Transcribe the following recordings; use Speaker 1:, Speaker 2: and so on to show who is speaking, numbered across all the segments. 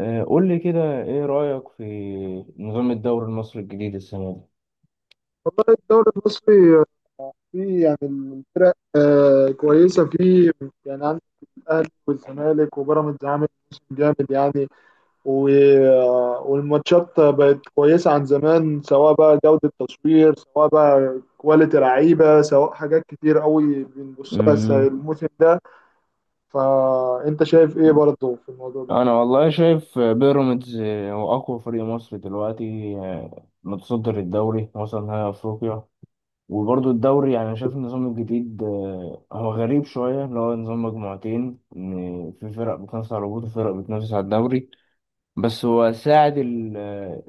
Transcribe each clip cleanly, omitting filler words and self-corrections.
Speaker 1: قول لي كده، ايه رأيك في نظام الدوري المصري الجديد السنة دي؟
Speaker 2: والله الدوري المصري فيه الفرق كويسة فيه، يعني عندك الأهلي والزمالك وبيراميدز عامل موسم جامد يعني. والماتشات بقت كويسة عن زمان، سواء بقى جودة تصوير، سواء بقى كواليتي لعيبة، سواء حاجات كتير قوي بنبص لها
Speaker 1: مم.
Speaker 2: الموسم ده. فأنت شايف إيه برضه في الموضوع ده؟
Speaker 1: انا والله شايف بيراميدز، هو اقوى فريق مصري دلوقتي، متصدر الدوري، وصل نهائي افريقيا. وبرضه الدوري يعني شايف النظام الجديد، هو غريب شوية، اللي هو نظام مجموعتين، إن في فرق بتنافس على الهبوط وفرق بتنافس على الدوري. بس هو ساعد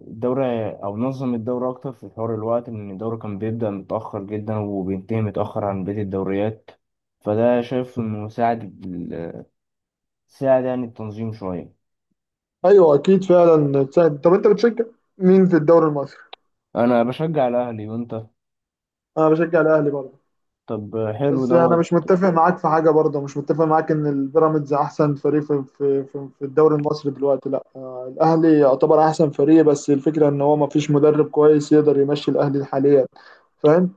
Speaker 1: الدورة أو نظم الدورة أكتر في حوار الوقت، لأن الدورة كان بيبدأ متأخر جدا وبينتهي متأخر عن بقية الدوريات. فده شايف إنه ساعد ساعد يعني التنظيم شوية.
Speaker 2: أيوه أكيد فعلا سهل. طب أنت بتشجع مين في الدوري المصري؟
Speaker 1: أنا بشجع الأهلي، وأنت؟
Speaker 2: أنا بشجع الأهلي برضه،
Speaker 1: طب حلو
Speaker 2: بس انا
Speaker 1: دوت.
Speaker 2: مش متفق معاك في حاجه، برضه مش متفق معاك ان البيراميدز احسن فريق في الدوري المصري دلوقتي. لا الاهلي يعتبر احسن فريق، بس الفكره ان هو ما فيش مدرب كويس يقدر يمشي الاهلي حاليا. فاهم.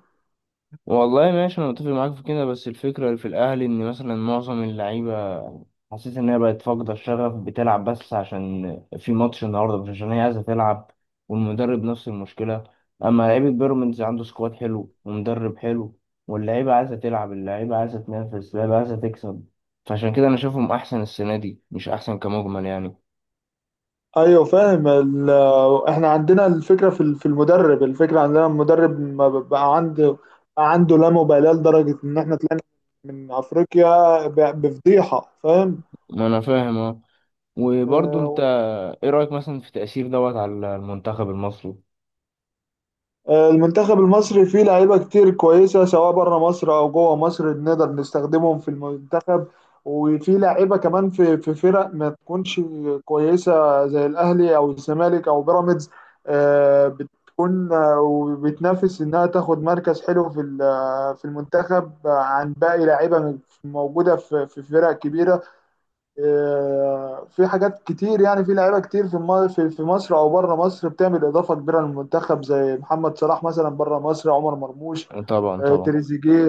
Speaker 1: والله ماشي، انا متفق معاك في كده، بس الفكره اللي في الاهلي، ان مثلا معظم اللعيبه حسيت ان هي بقت فاقده الشغف، بتلعب بس عشان في ماتش النهارده، مش عشان هي عايزه تلعب. والمدرب نفس المشكله. اما لعيبه بيراميدز عنده سكواد حلو ومدرب حلو، واللعيبه عايزه تلعب، اللعيبه عايزه تنافس، اللعيبه عايزه تكسب. فعشان كده انا شايفهم احسن السنه دي، مش احسن كمجمل يعني.
Speaker 2: ايوه فاهم احنا عندنا الفكره في المدرب، الفكره عندنا المدرب ما ب- بقى عنده، بقى عنده لا مبالاه لدرجه ان احنا طلعنا من افريقيا بفضيحه. فاهم.
Speaker 1: ما انا فاهم، اه. وبرضه انت،
Speaker 2: آه،
Speaker 1: ايه رايك مثلا في تاثير دوت على المنتخب المصري؟
Speaker 2: المنتخب المصري فيه لعيبة كتير كويسة، سواء بره مصر أو جوه مصر، نقدر نستخدمهم في المنتخب. وفي لعيبة كمان في فرق ما تكونش كويسة زي الأهلي أو الزمالك أو بيراميدز، آه، بتكون آه، وبتنافس إنها تاخد مركز حلو في ال- آه، في المنتخب عن باقي لعيبة موجودة في فرق كبيرة. في حاجات كتير، يعني في لعيبه كتير في الم- في في مصر او بره مصر بتعمل اضافه كبيره للمنتخب، زي محمد صلاح مثلا بره مصر، عمر مرموش،
Speaker 1: طبعا، طبعا.
Speaker 2: تريزيجيه،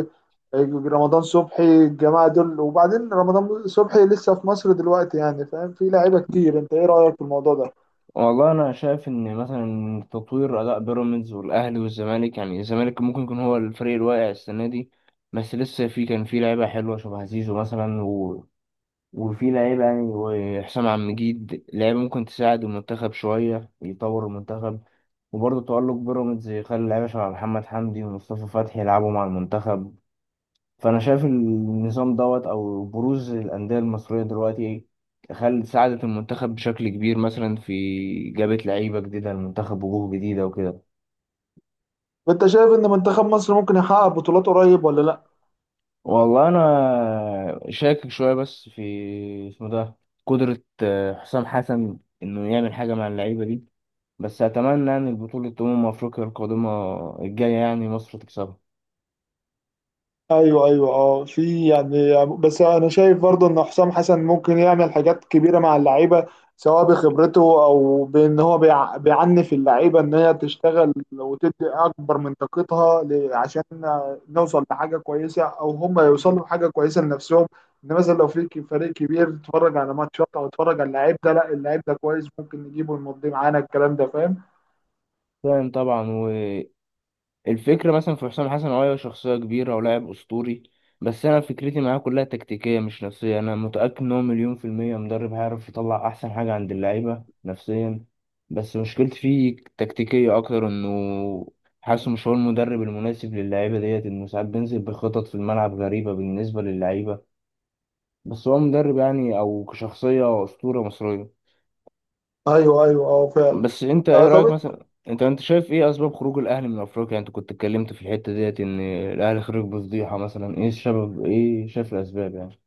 Speaker 2: رمضان صبحي، الجماعه دول. وبعدين رمضان صبحي لسه في مصر دلوقتي يعني، فاهم؟ في لعيبه كتير. انت ايه رايك في الموضوع ده؟
Speaker 1: والله انا شايف ان مثلا تطوير اداء بيراميدز والاهلي والزمالك، يعني الزمالك ممكن يكون هو الفريق الواقع السنه دي. بس لسه في، كان في لعيبه حلوه شبه زيزو مثلا، وفي لعيبه يعني، وحسام عبد المجيد، لعيبه ممكن تساعد المنتخب شويه، يطور المنتخب. وبرضه تألق بيراميدز يخلي لعيبه شبه محمد حمدي ومصطفى فتحي يلعبوا مع المنتخب. فانا شايف النظام دوت او بروز الانديه المصريه دلوقتي خل ساعدت المنتخب بشكل كبير، مثلا في، جابت لعيبه جديده المنتخب، وجوه جديده وكده.
Speaker 2: انت شايف ان منتخب مصر ممكن يحقق بطولات قريب ولا لا؟
Speaker 1: والله انا شاكك شويه، بس في اسمه ده، قدره حسام حسن انه يعمل حاجه مع اللعيبه دي. بس اتمنى يعني البطوله، افريقيا القادمه الجايه، يعني مصر تكسبها.
Speaker 2: ايوه ايوه اه، في يعني، بس انا شايف برضه ان حسام حسن ممكن يعمل حاجات كبيره مع اللعيبه، سواء بخبرته او بان هو بيعنف اللعيبه ان هي تشتغل وتدي اكبر من طاقتها عشان نوصل لحاجه كويسه، او هم يوصلوا لحاجه كويسه لنفسهم. ان مثلا لو في فريق كبير اتفرج على ماتشات، او اتفرج على اللعيب ده، لا اللعيب ده كويس ممكن نجيبه ونمضيه معانا، الكلام ده. فاهم.
Speaker 1: فاهم، طبعا. الفكرة مثلا في حسام حسن، هو شخصية كبيرة ولاعب أسطوري. بس أنا فكرتي معاه كلها تكتيكية، مش نفسية. أنا متأكد إن هو مليون في المية مدرب، هيعرف يطلع أحسن حاجة عند اللعيبة نفسيا. بس مشكلتي فيه تكتيكية أكتر، إنه حاسه مش هو المدرب المناسب للعيبة ديت، إنه ساعات بينزل بخطط في الملعب غريبة بالنسبة للعيبة. بس هو مدرب يعني، أو كشخصية أسطورة مصرية.
Speaker 2: ايوه ايوه اه فعلا.
Speaker 1: بس انت، ايه رايك
Speaker 2: طب.
Speaker 1: مثلا، انت شايف ايه اسباب خروج الاهلي من افريقيا؟ يعني انت كنت اتكلمت في الحته ديت ان الاهلي خرج بفضيحه، مثلا ايه السبب، ايه شايف الاسباب يعني؟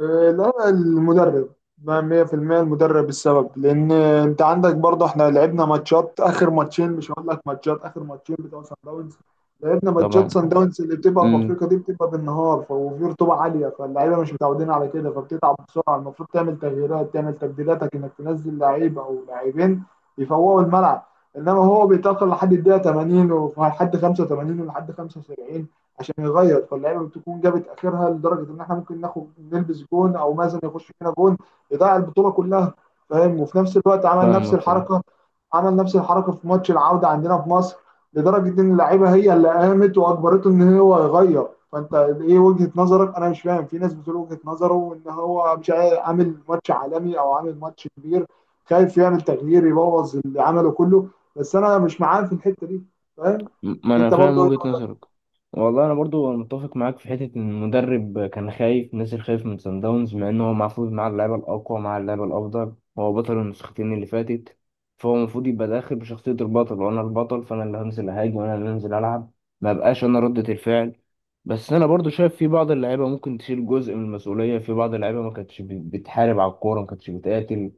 Speaker 2: لا المدرب، ما 100% المدرب السبب، لان انت عندك برضه احنا لعبنا ماتشات، اخر ماتشين مش هقول لك، ماتشات اخر ماتشين بتوع سان داونز. لعبنا ماتشات
Speaker 1: طبعا.
Speaker 2: سان داونز اللي بتبقى في
Speaker 1: امم.
Speaker 2: افريقيا دي، بتبقى بالنهار وفي رطوبه عاليه، فاللعيبه مش متعودين على كده، فبتتعب بسرعه. المفروض تعمل تغييرات، تعمل تبديلاتك، انك تنزل لعيب او لاعبين يفوقوا الملعب. انما هو بيتاخر لحد الدقيقه 80 ولحد 85 ولحد 75 عشان يغير، فاللعيبه بتكون جابت اخرها لدرجه ان احنا ممكن ناخد، نلبس جون، او مازن يخش فينا جون يضيع البطوله كلها. فاهم. وفي نفس الوقت عمل نفس
Speaker 1: فاهمك.
Speaker 2: الحركه، عمل نفس الحركه في ماتش العوده عندنا في مصر، لدرجه ان اللعيبه هي اللي قامت واجبرته ان هو يغير. فانت ايه وجهه نظرك؟ انا مش فاهم، في ناس بتقول وجهه نظره وان هو مش عامل ماتش عالمي او عامل ماتش كبير، خايف يعمل تغيير يبوظ اللي عمله كله، بس انا مش معاه في الحته دي. فاهم.
Speaker 1: ما انا
Speaker 2: انت
Speaker 1: فاهم
Speaker 2: برضو؟
Speaker 1: وجهة نظرك. والله انا برضو متفق معاك في حته ان المدرب كان خايف، نازل خايف من سان داونز، مع انه هو المفروض مع اللعيبه الاقوى، مع اللعيبه الافضل، هو بطل النسختين اللي فاتت. فهو المفروض يبقى داخل بشخصيه البطل، وانا البطل فانا اللي هنزل اهاجم، وانا اللي هنزل العب. ما بقاش انا ردة الفعل. بس انا برضو شايف في بعض اللعيبه ممكن تشيل جزء من المسؤوليه، في بعض اللعيبه ما كانتش بتحارب على الكوره، ما كانتش بتقاتل.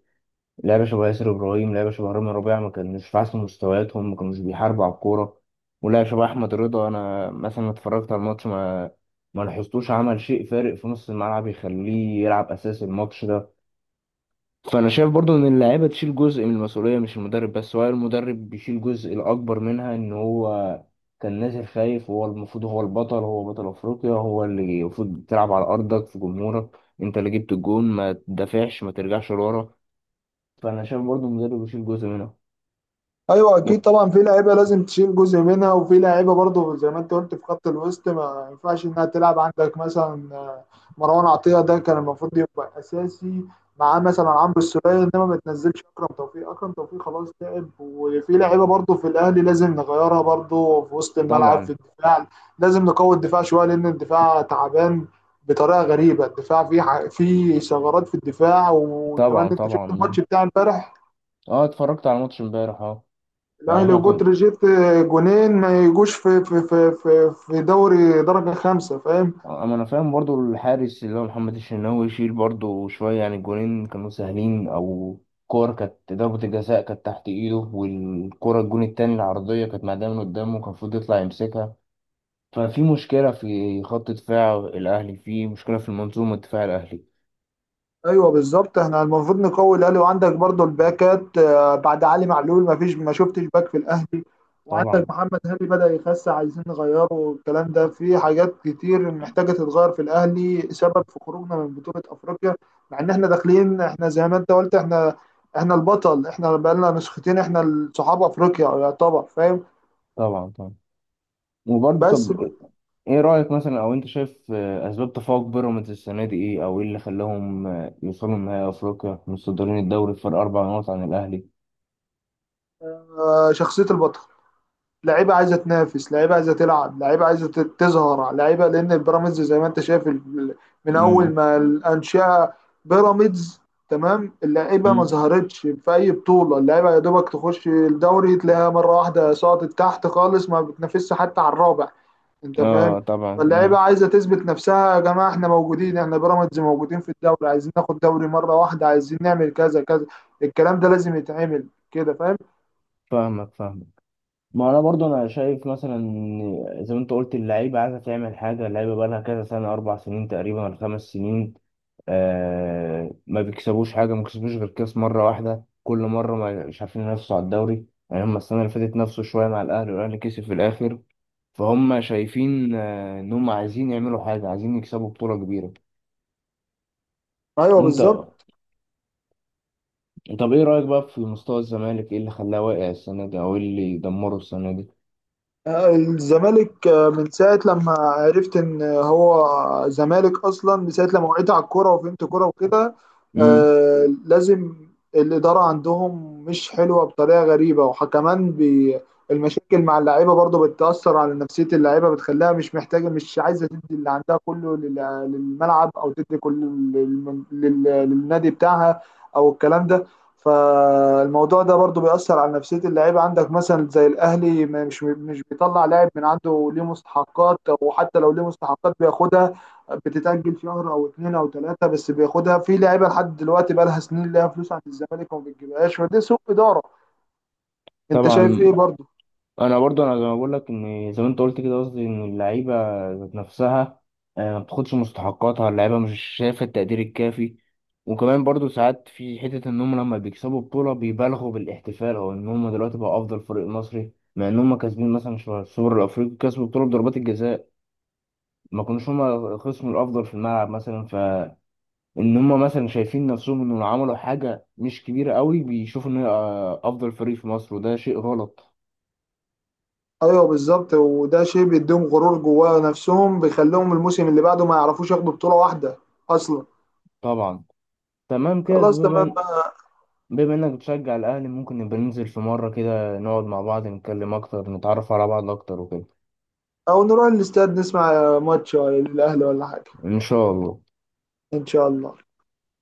Speaker 1: لعبة شبه ياسر إبراهيم، لعبة شبه رامي ربيعة، ما كانوش في أحسن مستوياتهم، ما كانوش بيحاربوا على الكورة. ولعبة شبه أحمد رضا، أنا مثلا اتفرجت على الماتش، ما لاحظتوش عمل شيء فارق في نص الملعب يخليه يلعب أساس الماتش ده. فأنا شايف برضو إن اللاعيبة تشيل جزء من المسؤولية، مش المدرب بس، هو المدرب بيشيل جزء الأكبر منها، إن هو كان نازل خايف، وهو المفروض هو البطل، هو بطل أفريقيا، هو اللي المفروض تلعب على أرضك في جمهورك. أنت اللي جبت الجون، ما تدافعش، ما ترجعش لورا. فانا شايف برضو المدرب يشيل جزء منه.
Speaker 2: ايوه اكيد
Speaker 1: و-
Speaker 2: طبعا، في لعيبه لازم تشيل جزء منها، وفي لعيبه برضه زي ما انت قلت في خط الوسط ما ينفعش انها تلعب. عندك مثلا مروان عطيه ده كان المفروض يبقى اساسي معاه مثلا عمرو السولية، انما ما تنزلش اكرم توفيق. اكرم توفيق خلاص تعب، وفي لعيبه برضه في الاهلي لازم نغيرها برضه في وسط الملعب، في
Speaker 1: طبعا،
Speaker 2: الدفاع. لازم نقوي الدفاع شويه، لان الدفاع تعبان بطريقه غريبه. الدفاع فيه فيه ثغرات في الدفاع، وكمان
Speaker 1: طبعا،
Speaker 2: انت شفت
Speaker 1: طبعا.
Speaker 2: الماتش بتاع امبارح،
Speaker 1: اه، اتفرجت على ماتش امبارح، اه. يعني
Speaker 2: الاهلي
Speaker 1: احنا كنا،
Speaker 2: وبتروجيت، جونين ما يجوش في دوري درجه خمسه. فاهم.
Speaker 1: اما انا فاهم برضو الحارس اللي هو محمد الشناوي يشيل برضو شويه، يعني الجونين كانوا سهلين، او كور، كانت ضربة الجزاء كانت تحت ايده، والكرة الجون التاني العرضية كانت معدية من قدامه، كان المفروض يطلع يمسكها. ففي مشكلة في خط دفاع الأهلي، في مشكلة في المنظومة الدفاع الأهلي.
Speaker 2: ايوه بالظبط، احنا المفروض نقوي الاهلي، وعندك برضو الباكات، بعد علي معلول ما فيش، ما شفتش باك في الاهلي، وعندك
Speaker 1: طبعا،
Speaker 2: محمد هاني بدأ يخس عايزين نغيره. والكلام ده، في حاجات كتير محتاجه تتغير في الاهلي سبب في خروجنا من بطوله افريقيا، مع ان احنا داخلين، احنا زي ما انت قلت، احنا احنا البطل، احنا بقالنا نسختين، احنا صحاب افريقيا يعتبر. فاهم.
Speaker 1: طبعا، طبعا. وبرضه
Speaker 2: بس
Speaker 1: طب، ايه رأيك مثلا، او انت شايف اسباب تفوق بيراميدز السنة دي ايه، او ايه اللي خلاهم يوصلوا لنهائي افريقيا متصدرين الدوري بفرق 4 نقط عن الاهلي؟
Speaker 2: شخصيه البطل، لعيبه عايزه تنافس، لعيبه عايزه تلعب، لعيبه عايزه تظهر. لعيبه، لان بيراميدز زي ما انت شايف من اول
Speaker 1: امم.
Speaker 2: ما الانشئه بيراميدز، تمام، اللعيبه ما
Speaker 1: امم.
Speaker 2: ظهرتش في اي بطوله، اللعيبه يا دوبك تخش الدوري تلاقيها مره واحده سقطت تحت خالص، ما بتنافسش حتى على الرابع. انت فاهم.
Speaker 1: اه، طبعا.
Speaker 2: فاللعيبه
Speaker 1: مم.
Speaker 2: عايزه تثبت نفسها، يا جماعه احنا موجودين، احنا بيراميدز موجودين في الدوري، عايزين ناخد دوري مره واحده، عايزين نعمل كذا كذا، الكلام ده لازم يتعمل كده. فاهم.
Speaker 1: فاهمك، فاهمك. ما انا برضو، انا شايف مثلا إن زي ما انت قلت، اللعيبه عايزه تعمل حاجه، اللعيبه بقى لها كذا سنه، 4 سنين تقريبا ولا 5 سنين، آه ما بيكسبوش حاجه، ما بيكسبوش غير كاس مره واحده كل مره، ما مش عارفين ينافسوا على الدوري. يعني هم السنه اللي فاتت نفسوا شويه مع الاهلي، والاهلي كسب في الاخر. فهم شايفين ان هم عايزين يعملوا حاجه، عايزين يكسبوا بطوله كبيره.
Speaker 2: ايوه
Speaker 1: وانت،
Speaker 2: بالظبط.
Speaker 1: طب ايه رايك بقى في مستوى الزمالك، ايه اللي خلاه واقع السنه دي، او ايه اللي دمره السنه دي؟
Speaker 2: الزمالك، من ساعة لما عرفت إن هو زمالك أصلا، من ساعة لما وعيت على الكورة وفهمت كورة وكده،
Speaker 1: امم.
Speaker 2: آه، لازم الإدارة عندهم مش حلوة بطريقة غريبة، وكمان المشاكل مع اللعيبة برضو بتأثر على نفسية اللعيبة، بتخليها مش محتاجة، مش عايزة تدي اللي عندها كله للملعب، أو تدي كل للنادي بتاعها، أو الكلام ده. فالموضوع ده برضه بيأثر على نفسية اللعيبة. عندك مثلا زي الأهلي مش بيطلع لاعب من عنده ليه مستحقات، وحتى لو ليه مستحقات بياخدها، بتتأجل شهر أو اتنين أو تلاتة بس بياخدها. في لعيبة لحد دلوقتي بقى لها سنين ليها فلوس عند الزمالك وما بتجيبهاش، فده سوء إدارة. أنت شايف
Speaker 1: طبعا.
Speaker 2: إيه برضه؟
Speaker 1: انا برضو، انا زي ما بقول لك، ان زي ما انت قلت كده، قصدي ان اللعيبه ذات نفسها ما بتاخدش مستحقاتها، اللعيبه مش شايفه التقدير الكافي. وكمان برضو ساعات في حتة إن هم لما بيكسبوا بطولة بيبالغوا بالاحتفال، أو إن هم دلوقتي بقوا أفضل فريق مصري، مع إن هم كاسبين مثلا شهر السوبر الأفريقي، كسبوا بطولة بضربات الجزاء، ما كانوش هما الخصم الافضل في الملعب مثلا. فان هما مثلا شايفين نفسهم انهم عملوا حاجه مش كبيره قوي، بيشوفوا ان هي افضل فريق في مصر، وده شيء غلط.
Speaker 2: أيوه بالظبط، وده شيء بيديهم غرور جواه نفسهم، بيخليهم الموسم اللي بعده ما يعرفوش ياخدوا بطولة واحدة أصلا.
Speaker 1: طبعا. تمام كده،
Speaker 2: خلاص تمام بقى.
Speaker 1: بما انك بتشجع الاهلي، ممكن نبقى ننزل في مره كده نقعد مع بعض، نتكلم اكتر، نتعرف على بعض اكتر وكده.
Speaker 2: أو نروح الاستاد نسمع ماتش، ولا الأهلي ولا حاجة.
Speaker 1: ان شاء الله.
Speaker 2: إن شاء الله.